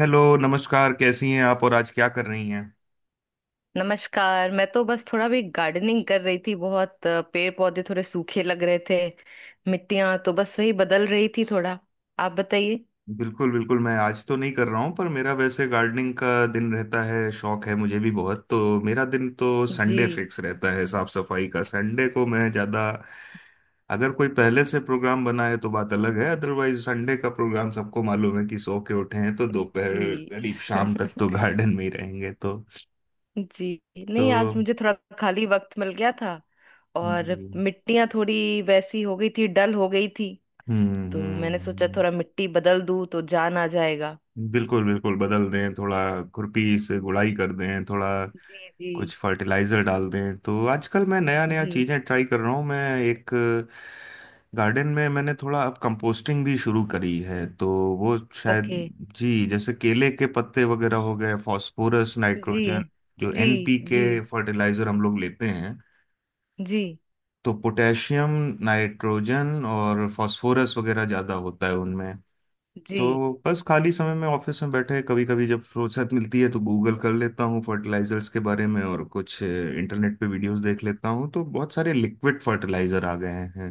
Hello, नमस्कार। कैसी हैं आप और आज क्या कर रही हैं? नमस्कार। मैं तो बस थोड़ा भी गार्डनिंग कर रही थी। बहुत पेड़ पौधे थोड़े सूखे लग रहे थे। मिट्टियां तो बस वही बदल रही थी थोड़ा। आप बताइए। बिल्कुल बिल्कुल, मैं आज तो नहीं कर रहा हूँ, पर मेरा वैसे गार्डनिंग का दिन रहता है। शौक है मुझे भी बहुत तो। मेरा दिन तो संडे जी। फिक्स रहता है, साफ सफाई का। संडे को मैं ज़्यादा। अगर कोई पहले से प्रोग्राम बना है तो बात अलग है, अदरवाइज संडे का प्रोग्राम सबको मालूम है कि सो के उठे हैं तो दोपहर जी। करीब शाम तक तो गार्डन में ही रहेंगे तो जी तो नहीं, आज मुझे थोड़ा खाली वक्त मिल गया था। और हम्म। मिट्टियां थोड़ी वैसी हो गई थी, डल हो गई थी। हम्म। तो मैंने सोचा हम्म। थोड़ा मिट्टी बदल दूं तो जान आ जाएगा। बिल्कुल बिल्कुल, बदल दें थोड़ा। खुरपी से हम्म। गुड़ाई कर दें थोड़ा। जी जी। कुछ फर्टिलाइजर डाल दें तो। आजकल मैं नया नया जी। चीज़ें ट्राई कर रहा हूँ। मैं एक गार्डन में मैंने थोड़ा अब कंपोस्टिंग भी शुरू करी है तो। वो, शायद। ओके। जी, जैसे केले के पत्ते वगैरह हो गए, फास्फोरस जी नाइट्रोजन। जो जी। जी जी। एनपीके फर्टिलाइजर हम लोग लेते हैं, तो पोटेशियम, नाइट्रोजन और फास्फोरस वगैरह ज़्यादा होता है उनमें। जी। तो बस खाली समय में ऑफिस में बैठे, कभी कभी जब फुर्सत मिलती है, तो गूगल कर लेता हूँ फर्टिलाइजर्स के बारे में, और कुछ इंटरनेट पे वीडियोस देख लेता हूँ, तो बहुत सारे लिक्विड फर्टिलाइजर आ गए हैं।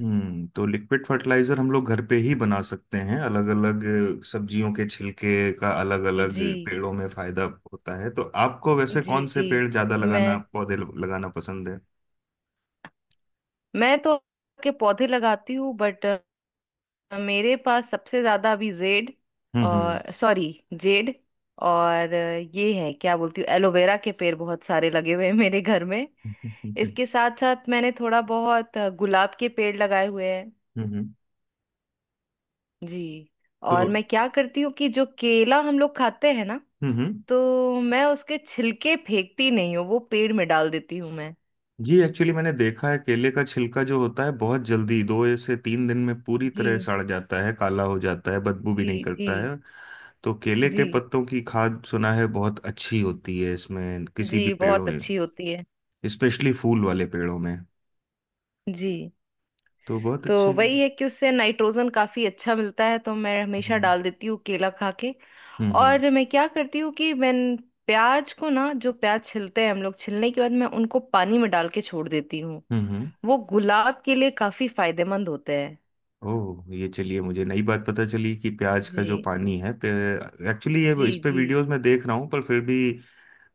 तो लिक्विड फर्टिलाइजर हम लोग घर पे ही बना सकते हैं। अलग अलग सब्जियों के छिलके का अलग अलग जी पेड़ों में फायदा होता है। तो आपको वैसे जी। कौन से जी। पेड़ ज्यादा मैं लगाना, पौधे लगाना पसंद है? मैं तो के पौधे लगाती हूँ, बट मेरे पास सबसे ज्यादा अभी जेड हम्म। हम्म। और सॉरी जेड और ये है क्या बोलती हूँ, एलोवेरा के पेड़ बहुत सारे लगे हुए हैं मेरे घर में। हम्म। इसके साथ साथ मैंने थोड़ा बहुत गुलाब के पेड़ लगाए हुए हैं। हम्म। हम्म। जी। तो। और मैं क्या करती हूँ कि जो केला हम लोग खाते हैं ना, हम्म। हम्म। तो मैं उसके छिलके फेंकती नहीं हूँ, वो पेड़ में डाल देती हूँ मैं। ये एक्चुअली मैंने देखा है, केले का छिलका जो होता है बहुत जल्दी 2 से 3 दिन में पूरी तरह जी सड़ जाता है, काला हो जाता है, बदबू भी नहीं जी। जी। करता है। तो केले जी। के पत्तों की खाद सुना है बहुत अच्छी होती है इसमें, किसी भी जी पेड़ों बहुत में। अच्छी होती है। स्पेशली फूल वाले पेड़ों में। जी तो बहुत तो अच्छी। वही है कि उससे नाइट्रोजन काफी अच्छा मिलता है, तो मैं हमेशा हम्म। डाल देती हूँ केला खा के। हम्म। और मैं क्या करती हूँ कि मैं प्याज को ना, जो प्याज छिलते हैं हम लोग, छिलने के बाद मैं उनको पानी में डाल के छोड़ देती हूँ। हम्म। हम्म। वो गुलाब के लिए काफी फायदेमंद होते हैं। ओह, ये चलिए मुझे नई बात पता चली कि प्याज का जी। जो पानी है, एक्चुअली ये जी इस पे जी। वीडियोस में देख रहा हूँ, पर फिर भी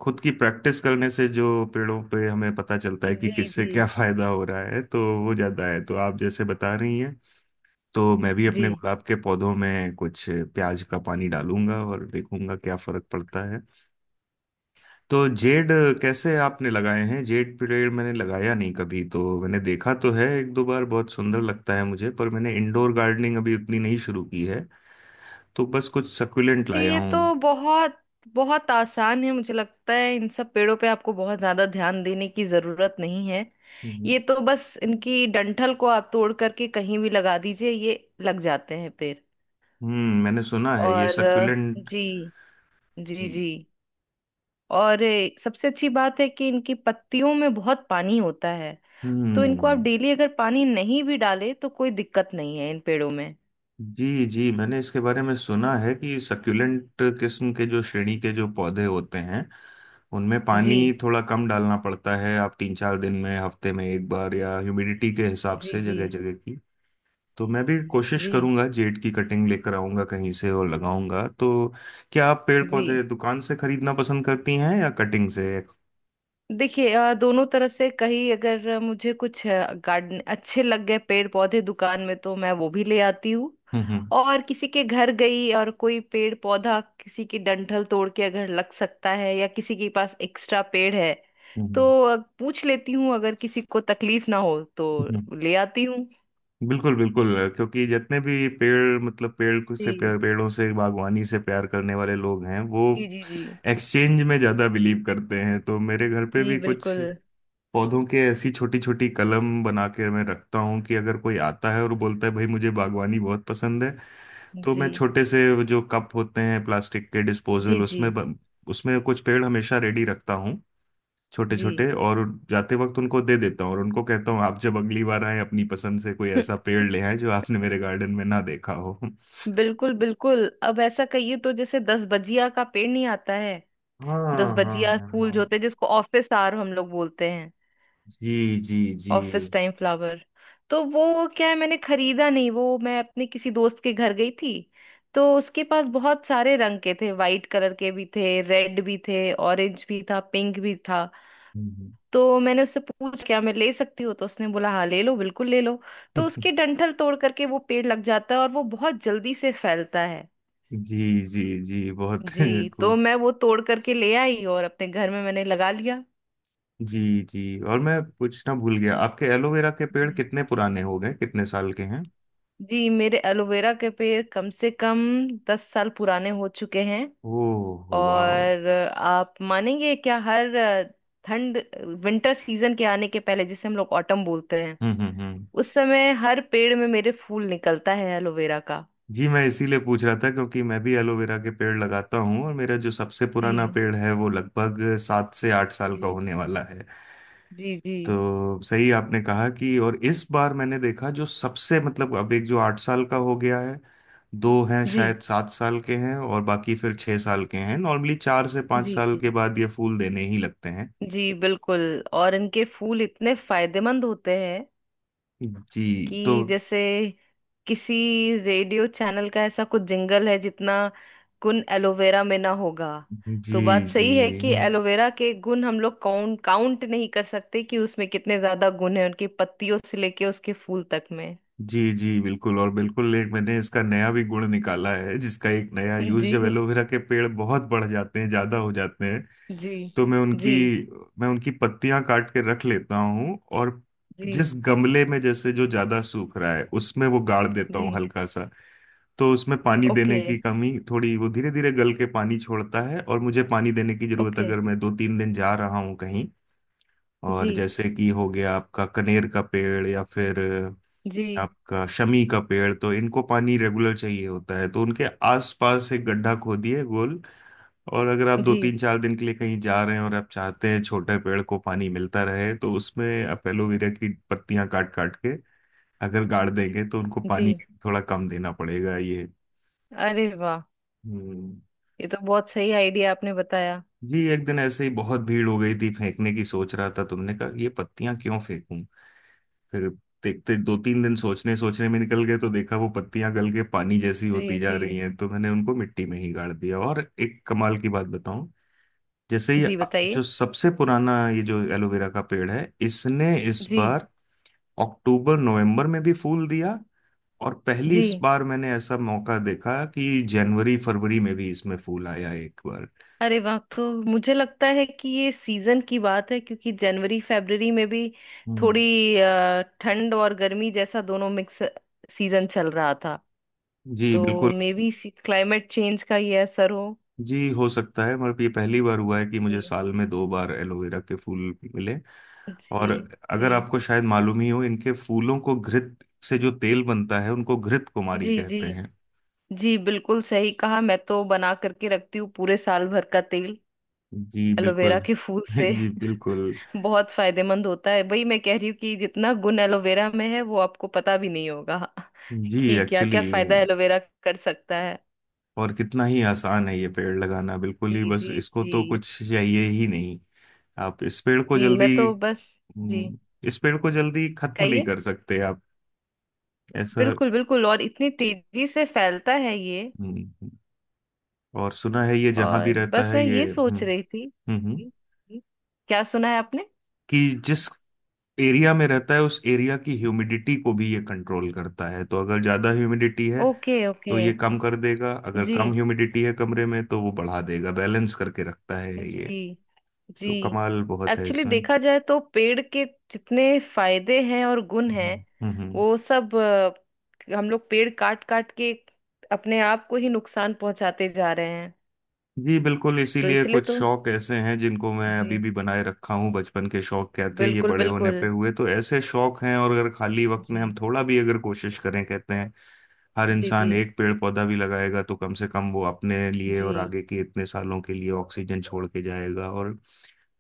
खुद की प्रैक्टिस करने से जो पेड़ों पे हमें पता चलता है कि जी किससे जी। क्या फायदा हो रहा है, तो वो ज्यादा है। तो आप जैसे बता रही हैं, तो मैं भी अपने जी। गुलाब के पौधों में कुछ प्याज का पानी डालूंगा और देखूंगा क्या फर्क पड़ता है। तो जेड कैसे आपने लगाए हैं? जेड पेड़ मैंने लगाया नहीं कभी, तो मैंने देखा तो है एक दो बार, बहुत सुंदर लगता है मुझे, पर मैंने इंडोर गार्डनिंग अभी उतनी नहीं शुरू की है। तो बस कुछ सक्यूलेंट जी। लाया ये तो हूँ। बहुत बहुत आसान है, मुझे लगता है इन सब पेड़ों पे आपको बहुत ज्यादा ध्यान देने की जरूरत नहीं है। हम्म ये तो बस इनकी डंठल को आप तोड़ करके कहीं भी लगा दीजिए, ये लग जाते हैं पेड़। मैंने सुना है ये और सक्यूलेंट। जी। जी जी। जी। और सबसे अच्छी बात है कि इनकी पत्तियों में बहुत पानी होता है। तो इनको आप हम्म। डेली अगर पानी नहीं भी डाले तो कोई दिक्कत नहीं है इन पेड़ों में। जी जी, मैंने इसके बारे में सुना है कि सक्यूलेंट किस्म के, जो श्रेणी के जो पौधे होते हैं, उनमें पानी जी थोड़ा कम डालना पड़ता है। आप 3 4 दिन में, हफ्ते में एक बार, या ह्यूमिडिटी के हिसाब जी। से, जी। जगह जगह की। तो मैं भी कोशिश जी। करूंगा, जेड की कटिंग लेकर आऊंगा कहीं से और लगाऊंगा तो। क्या आप पेड़ जी पौधे दुकान से खरीदना पसंद करती हैं या कटिंग से? देखिए दोनों तरफ से, कहीं अगर मुझे कुछ गार्डन अच्छे लग गए पेड़ पौधे दुकान में तो मैं वो भी ले आती हूँ। हम्म। और किसी के घर गई और कोई पेड़ पौधा, किसी की डंठल तोड़ के अगर लग सकता है, या किसी के पास एक्स्ट्रा पेड़ है तो हम्म। पूछ लेती हूँ अगर किसी को तकलीफ ना हो तो। हम्म। ले आती हूँ। बिल्कुल बिल्कुल, क्योंकि जितने भी पेड़, मतलब से जी प्यार, पेड़ों से बागवानी से प्यार करने वाले लोग हैं, वो जी जी जी। एक्सचेंज में ज़्यादा बिलीव करते हैं। तो मेरे घर पे जी भी कुछ बिल्कुल। पौधों के ऐसी छोटी छोटी कलम बना के मैं रखता हूँ, कि अगर कोई आता है और बोलता है भाई मुझे बागवानी बहुत पसंद है, तो जी। मैं छोटे से वो जो कप होते हैं प्लास्टिक के जी डिस्पोजल, जी उसमें उसमें कुछ पेड़ हमेशा रेडी रखता हूँ, छोटे जी। छोटे, और जाते वक्त उनको दे देता हूँ, और उनको कहता हूँ आप जब अगली बार आए अपनी पसंद से कोई ऐसा पेड़ ले आए जो आपने मेरे गार्डन में ना देखा हो। बिल्कुल बिल्कुल। अब ऐसा कहिए तो जैसे दस बजिया का पेड़ नहीं आता है। हाँ। दस हाँ। बजिया हाँ। फूल जो होते हैं, जिसको ऑफिस आवर हम लोग बोलते हैं। जी जी जी। Office time flower. तो वो क्या है, मैंने खरीदा नहीं, वो मैं अपने किसी दोस्त के घर गई थी। तो उसके पास बहुत सारे रंग के थे, वाइट कलर के भी थे, रेड भी थे, ऑरेंज भी था, पिंक भी था। हम्म। तो मैंने उससे पूछ क्या मैं ले सकती हूँ, तो उसने बोला हाँ ले लो बिल्कुल ले लो। तो उसके डंठल तोड़ करके वो पेड़ लग जाता है और वो बहुत जल्दी से फैलता है। जी जी जी, बहुत जी। तो खूब। मैं वो तोड़ करके ले आई और अपने घर में मैंने लगा लिया। जी जी, और मैं पूछना भूल गया, आपके एलोवेरा के पेड़ जी। कितने पुराने हो गए, कितने साल के हैं? जी मेरे एलोवेरा के पेड़ कम से कम 10 साल पुराने हो चुके हैं। ओह वाह। और आप मानेंगे क्या, हर ठंड, विंटर सीजन के आने के पहले जिसे हम लोग ऑटम बोलते हैं, हम्म। हम्म। हम्म। उस समय हर पेड़ में मेरे फूल निकलता है एलोवेरा का। जी, मैं इसीलिए पूछ रहा था, क्योंकि मैं भी एलोवेरा के पेड़ लगाता हूँ, और मेरा जो सबसे पुराना जी। पेड़ है वो लगभग 7 से 8 साल का जी होने वाला है। जी। जी। तो सही आपने कहा कि, और इस बार मैंने देखा जो सबसे, मतलब अब एक जो 8 साल का हो गया है, दो हैं जी। शायद 7 साल के हैं, और बाकी फिर 6 साल के हैं। नॉर्मली चार से पाँच जी साल जी के बाद ये फूल देने ही लगते हैं। जी बिल्कुल। और इनके फूल इतने फायदेमंद होते हैं जी। तो। कि जैसे किसी रेडियो चैनल का ऐसा कुछ जिंगल है, जितना गुण एलोवेरा में ना होगा। जी। तो बात जी। सही है कि एलोवेरा के गुण हम लोग काउंट काउंट नहीं कर सकते कि उसमें कितने ज्यादा गुण है उनकी पत्तियों से लेके उसके फूल तक में। जी। जी बिल्कुल, और बिल्कुल एक मैंने इसका नया भी गुण निकाला है, जिसका एक नया यूज जब जी एलोवेरा के पेड़ बहुत बढ़ जाते हैं, ज्यादा हो जाते हैं, जी। तो मैं उनकी जी। मैं उनकी पत्तियां काट के रख लेता हूँ, और जी जिस गमले में जैसे जो ज्यादा सूख रहा है, उसमें वो गाड़ देता जी। हूँ हल्का सा, तो उसमें पानी ओके देने की कमी थोड़ी, वो धीरे धीरे गल के पानी छोड़ता है, और मुझे पानी देने की जरूरत, ओके। अगर मैं 2 3 दिन जा रहा हूँ कहीं, और जी जैसे कि हो गया आपका कनेर का पेड़, या फिर जी। आपका शमी का पेड़, तो इनको पानी रेगुलर चाहिए होता है, तो उनके आसपास एक गड्ढा खोदिए गोल, और अगर आप दो जी। तीन चार दिन के लिए कहीं जा रहे हैं, और आप चाहते हैं छोटे पेड़ को पानी मिलता रहे, तो उसमें आप एलोवेरा की पत्तियां काट काट के अगर गाड़ देंगे, तो उनको पानी जी। थोड़ा कम देना पड़ेगा, ये। अरे वाह, हम्म ये तो बहुत सही आइडिया आपने बताया। जी एक दिन ऐसे ही बहुत भीड़ हो गई थी, फेंकने की सोच रहा था, तुमने कहा ये पत्तियां क्यों फेंकूं, फिर देखते 2 3 दिन सोचने सोचने में निकल गए, तो देखा वो पत्तियां गल के पानी जैसी होती जी जा जी। रही हैं, तो मैंने उनको मिट्टी में ही गाड़ दिया। और एक कमाल की बात बताऊं, जैसे ये जी बताइए। जो सबसे पुराना ये जो एलोवेरा का पेड़ है, इसने इस जी बार अक्टूबर नवंबर में भी फूल दिया। और पहली इस जी। बार मैंने ऐसा मौका देखा कि जनवरी फरवरी में भी इसमें फूल आया एक बार। अरे वाह, तो मुझे लगता है कि ये सीजन की बात है क्योंकि जनवरी फरवरी में भी थोड़ी हम्म ठंड और गर्मी जैसा दोनों मिक्स सीजन चल रहा था। जी तो बिल्कुल। मे बी क्लाइमेट चेंज का ये असर हो। जी, हो सकता है, मगर ये पहली बार हुआ है कि मुझे जी। साल में 2 बार एलोवेरा के फूल मिले। जी। और जी। अगर आपको शायद मालूम ही हो, इनके फूलों को, घृत से जो तेल बनता है उनको घृत कुमारी जी जी। कहते हैं। जी बिल्कुल सही कहा, मैं तो बना करके रखती हूँ पूरे साल भर का तेल जी एलोवेरा बिल्कुल। के फूल से। जी बिल्कुल। बहुत फायदेमंद होता है। वही मैं कह रही हूँ कि जितना गुण एलोवेरा में है वो आपको पता भी नहीं होगा, जी कि क्या क्या एक्चुअली, फायदा एलोवेरा कर सकता है। और कितना ही आसान है ये पेड़ लगाना, बिल्कुल जी ही, बस जी इसको जी। तो कुछ चाहिए ही नहीं। आप इस पेड़ को जी मैं जल्दी, तो बस। जी। हम्म, इस पेड़ को जल्दी खत्म नहीं कहिए। कर सकते आप, ऐसा। बिल्कुल बिल्कुल, और इतनी तेजी से फैलता है ये। हम्म, और सुना है ये जहाँ भी और रहता बस है मैं ये। ये हम्म। सोच रही थी। हम्म। हम्म। जी, जी, क्या सुना है आपने। कि जिस एरिया में रहता है, उस एरिया की ह्यूमिडिटी को भी ये कंट्रोल करता है, तो अगर ज्यादा ह्यूमिडिटी है ओके तो ओके। ये कम कर देगा, अगर जी। कम ह्यूमिडिटी है कमरे में तो वो बढ़ा देगा, बैलेंस करके रखता है ये। जी। जी। तो कमाल बहुत है एक्चुअली इसमें। देखा जाए तो पेड़ के जितने फायदे हैं और गुण हम्म। हैं हम्म। हम्म। वो सब, हम लोग पेड़ काट काट के अपने आप को ही नुकसान पहुंचाते जा रहे हैं। जी बिल्कुल, तो इसीलिए इसलिए कुछ तो। शौक ऐसे हैं जिनको मैं अभी जी भी बनाए रखा हूँ, बचपन के शौक क्या थे ये बिल्कुल बड़े होने बिल्कुल। पे हुए तो, ऐसे शौक हैं। और अगर खाली वक्त में हम जी। थोड़ा भी अगर कोशिश करें, कहते हैं हर जी। जी। इंसान एक पेड़ पौधा भी लगाएगा तो कम से कम वो अपने लिए जी और आगे के इतने सालों के लिए ऑक्सीजन छोड़ के जाएगा। और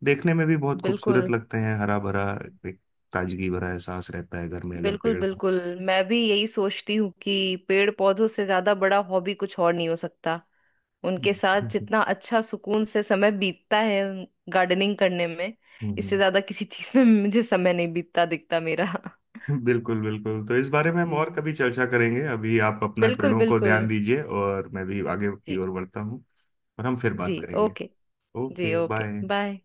देखने में भी बहुत बिल्कुल खूबसूरत लगते हैं, हरा भरा, एक ताजगी भरा एहसास रहता है घर में अगर बिल्कुल पेड़ हो। बिल्कुल। मैं भी यही सोचती हूँ कि पेड़ पौधों से ज्यादा बड़ा हॉबी कुछ और नहीं हो सकता। उनके साथ हम्म, जितना अच्छा सुकून से समय बीतता है गार्डनिंग करने में, इससे ज्यादा किसी चीज में मुझे समय नहीं बीतता दिखता मेरा। बिल्कुल बिल्कुल, तो इस बारे में हम और जी कभी चर्चा करेंगे, अभी आप अपने बिल्कुल पेड़ों को बिल्कुल। ध्यान दीजिए और मैं भी आगे की जी। ओर बढ़ता हूँ, और हम फिर जी बात करेंगे। ओके। जी ओके, ओके बाय। बाय।